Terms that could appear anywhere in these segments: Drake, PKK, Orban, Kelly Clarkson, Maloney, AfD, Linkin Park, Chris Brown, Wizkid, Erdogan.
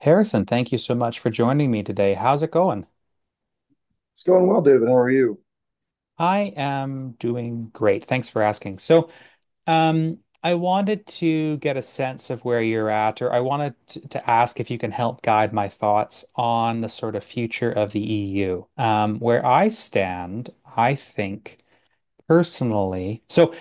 Harrison, thank you so much for joining me today. How's it going? It's going well, David. How are you? I am doing great. Thanks for asking. I wanted to get a sense of where you're at, or I wanted to ask if you can help guide my thoughts on the sort of future of the EU. Where I stand, I think personally, so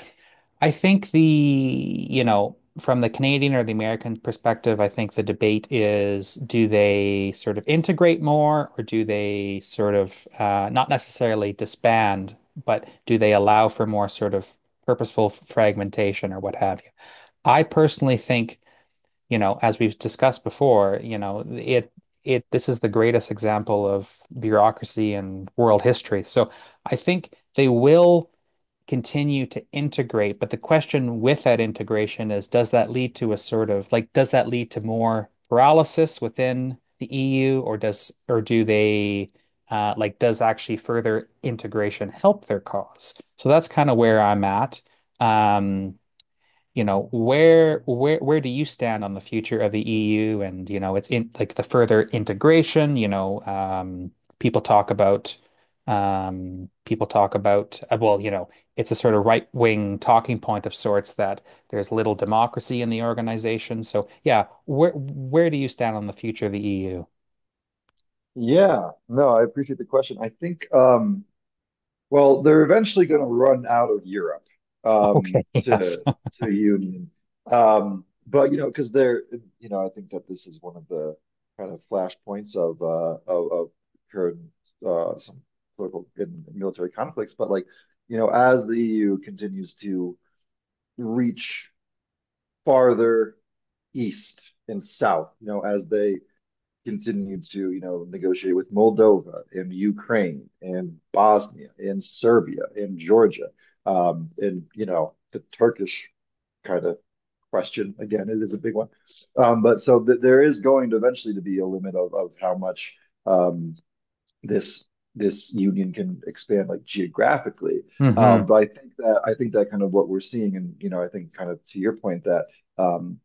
I think from the Canadian or the American perspective, I think the debate is do they sort of integrate more or do they sort of not necessarily disband, but do they allow for more sort of purposeful fragmentation or what have you? I personally think, you know, as we've discussed before, you know, it, this is the greatest example of bureaucracy in world history. So I think they will continue to integrate. But the question with that integration is, does that lead to a sort of like, does that lead to more paralysis within the EU, or does or do they like does actually further integration help their cause? So that's kind of where I'm at. Um, you know, where do you stand on the future of the EU and, you know, it's in like the further integration, people talk about people talk about well, you know, it's a sort of right-wing talking point of sorts that there's little democracy in the organization. So, yeah, where do you stand on the future of the EU? Yeah, no, I appreciate the question. I think, well, they're eventually going to run out of Europe um, Okay, yes. to to Union, but you know, you know, I think that this is one of the kind of flashpoints of of current some political and military conflicts. But like, you know, as the EU continues to reach farther east and south, you know, as they continued to, you know, negotiate with Moldova and Ukraine and Bosnia and Serbia and Georgia. You know, the Turkish kind of question again, it is a big one. But so th there is going to eventually to be a limit of how much um, this this union can expand like geographically. Hmm But I think that kind of what we're seeing, and you know, I think kind of to your point that um,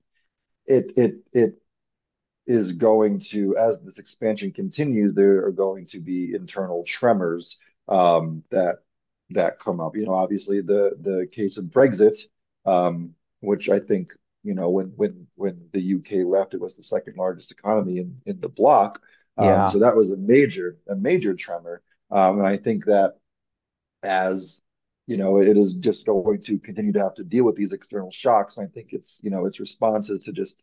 it is going to, as this expansion continues, there are going to be internal tremors um, that that come up. You know, obviously the case of Brexit, um, which I think you know when the UK left, it was the second largest economy in the bloc. Yeah. So that was a major tremor, and I think that as you know, it is just going to continue to have to deal with these external shocks. And I think it's, you know, its response is to just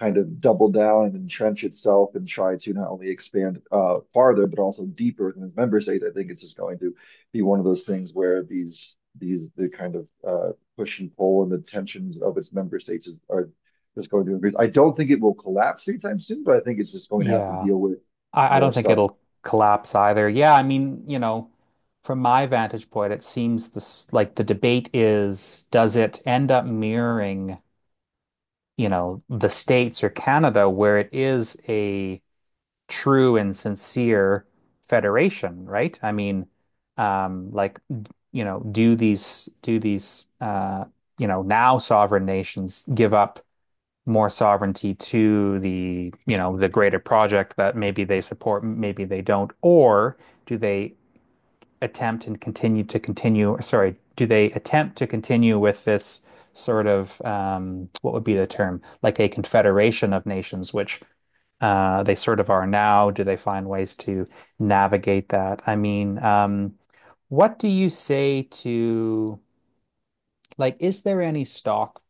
kind of double down and entrench itself and try to not only expand farther, but also deeper than its member states. I think it's just going to be one of those things where the kind of push and pull and the tensions of its member states are just going to increase. I don't think it will collapse anytime soon, but I think it's just going to have to Yeah. deal with I more don't think stuff. it'll collapse either. Yeah, I mean, you know, from my vantage point, it seems this like the debate is does it end up mirroring, you know, the States or Canada where it is a true and sincere federation, right? Like, you know, do these you know, now sovereign nations give up more sovereignty to the, you know, the greater project that maybe they support, maybe they don't, or do they attempt and continue to continue, sorry, do they attempt to continue with this what would be the term, like a confederation of nations, which they sort of are now? Do they find ways to navigate that? What do you say to like is there any stock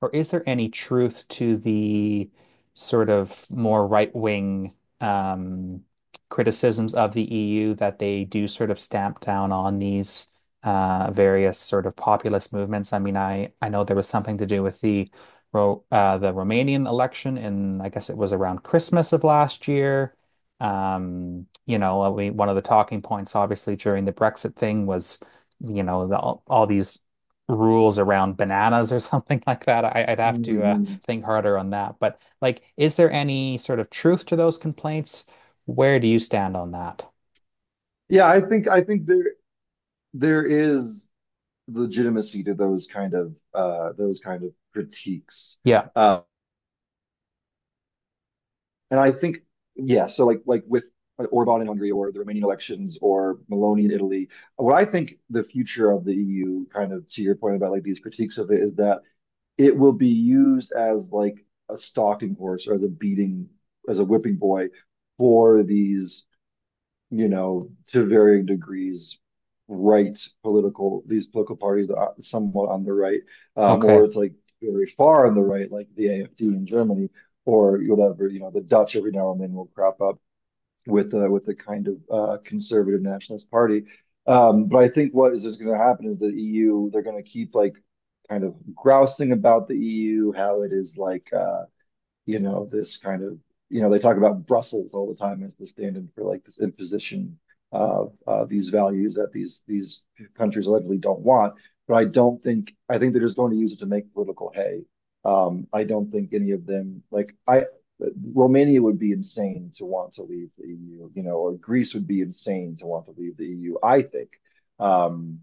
or is there any truth to the sort of more right-wing um, criticisms of the EU that they do sort of stamp down on these various sort of populist movements? I mean, I know there was something to do with the Romanian election, and I guess it was around Christmas of last year. You know, we, one of the talking points, obviously, during the Brexit thing was you know the, all these rules around bananas or something like that. I'd have to Mhm. think harder on that. But like, is there any sort of truth to those complaints? Where do you stand on that? Yeah, I think there is legitimacy to those kind of critiques. Yeah. Uh, and I think, yeah, so like with Orban in Hungary or the Romanian elections or Maloney in Italy, what I think the future of the EU, kind of to your point about like these critiques of it, is that it will be used as like a stalking horse or as a beating, as a whipping boy for these you know, to varying degrees, right political these political parties that are somewhat on the right, or Okay. it's like very far on the right, like the AfD in Germany, or whatever. You know, the Dutch every now and then will crop up with with a kind of conservative nationalist party. But I think what is going to happen is the EU, they're going to keep like kind of grousing about the EU, how it is like you know, this kind of, you know, they talk about Brussels all the time as the stand-in for like this imposition of these values that these countries allegedly don't want. But I don't think I think they're just going to use it to make political hay. I don't think any of them like I Romania would be insane to want to leave the EU, you know, or Greece would be insane to want to leave the EU, I think. Um,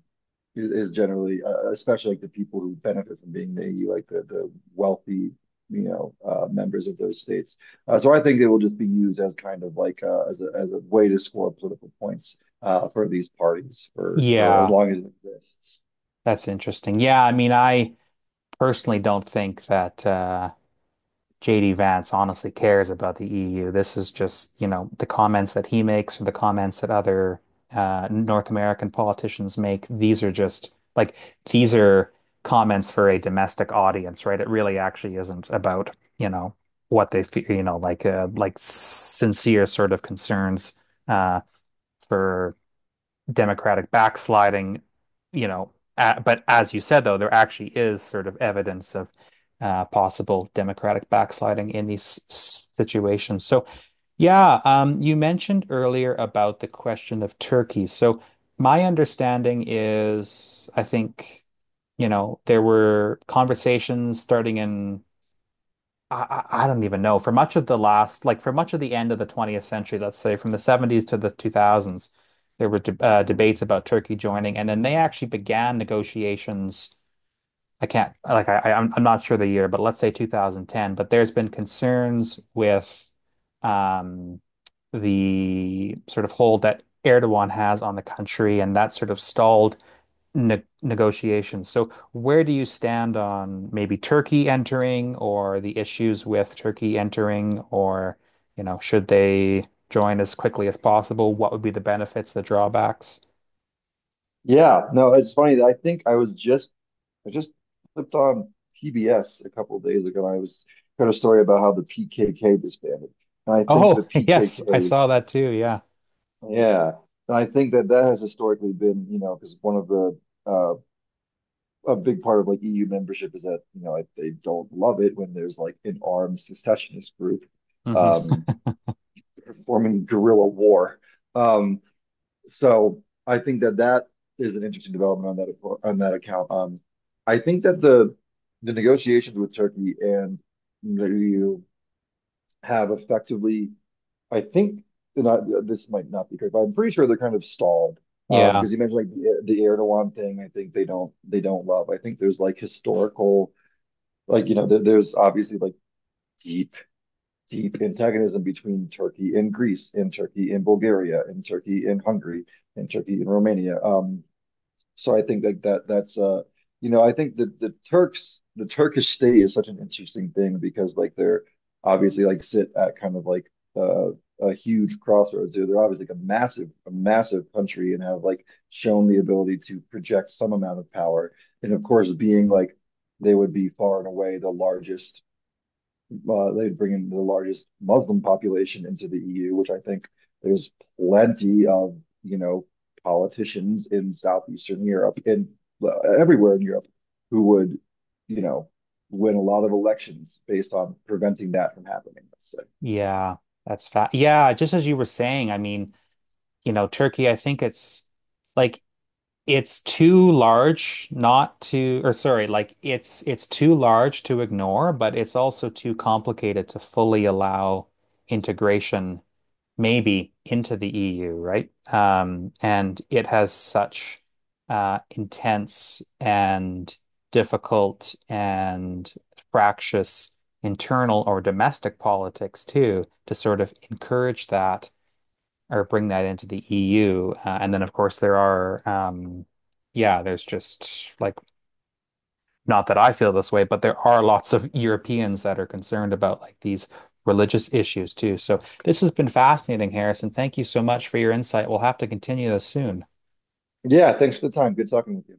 is generally, especially like the people who benefit from being in the EU, like the wealthy, you know, members of those states. So I think it will just be used as kind of like as a way to score political points for these parties for as Yeah, long as it exists. that's interesting. Yeah, I mean, I personally don't think that JD Vance honestly cares about the EU. This is just, you know, the comments that he makes or the comments that other North American politicians make. These are just like, these are comments for a domestic audience, right? It really actually isn't about, you know, what they feel, you know, like, like sincere sort of concerns uh, for democratic backsliding, you know. But as you said, though, there actually is sort of evidence of possible democratic backsliding in these situations. So, yeah, you mentioned earlier about the question of Turkey. So, my understanding is, I think, you know, there were conversations starting in I don't even know. For much of the last, like for much of the end of the 20th century, let's say from the 70s to the 2000s, there were de debates about Turkey joining, and then they actually began negotiations. I can't, like, I- am I'm not sure the year, but let's say 2010. But there's been concerns with um, the sort of hold that Erdogan has on the country, and that sort of stalled ne negotiations. So where do you stand on maybe Turkey entering or the issues with Turkey entering or, you know, should they join as quickly as possible? What would be the benefits, the drawbacks? Yeah, no, it's funny that I think I just flipped on PBS a couple of days ago. And I was heard a story about how the PKK disbanded, and I think the Oh, yes, I PKK. saw that too. Yeah. Yeah. And I think that that has historically been, you know, because one of the uh a big part of like EU membership is that, you know, I, they don't love it when there's like an armed secessionist group hmm um performing guerrilla war. Um so I think that that is an interesting development on that account. I think that the negotiations with Turkey and the EU have effectively I think and I, this might not be correct, but I'm pretty sure they're kind of stalled. Yeah. Because you mentioned like the Erdogan thing, I think they don't love. I think there's like historical, like you know, there's obviously like deep deep antagonism between Turkey and Greece, and Turkey and Bulgaria, and Turkey and Hungary, and Turkey and Romania. So I think like that that's you know I think the Turkish state is such an interesting thing because like they're obviously like sit at kind of like uh, a huge crossroads there. They're obviously like a massive country and have like shown the ability to project some amount of power. And of course, being like they would be far and away the largest they'd bring in the largest Muslim population into the EU, which I think there's plenty of, you know, politicians in Southeastern Europe and everywhere in Europe who would, you know, win a lot of elections based on preventing that from happening, let's say. Yeah. That's fat. Yeah. Just as you were saying, I mean, you know, Turkey, I think it's like it's too large not to, or sorry, like it's too large to ignore, but it's also too complicated to fully allow integration maybe into the EU, right? And it has such intense and difficult and fractious internal or domestic politics too, to sort of encourage that or bring that into the EU. And then, of course, there are, yeah, there's just like, not that I feel this way, but there are lots of Europeans that are concerned about like these religious issues too. So this has been fascinating, Harrison. Thank you so much for your insight. We'll have to continue this soon. Yeah, thanks for the time. Good talking with you.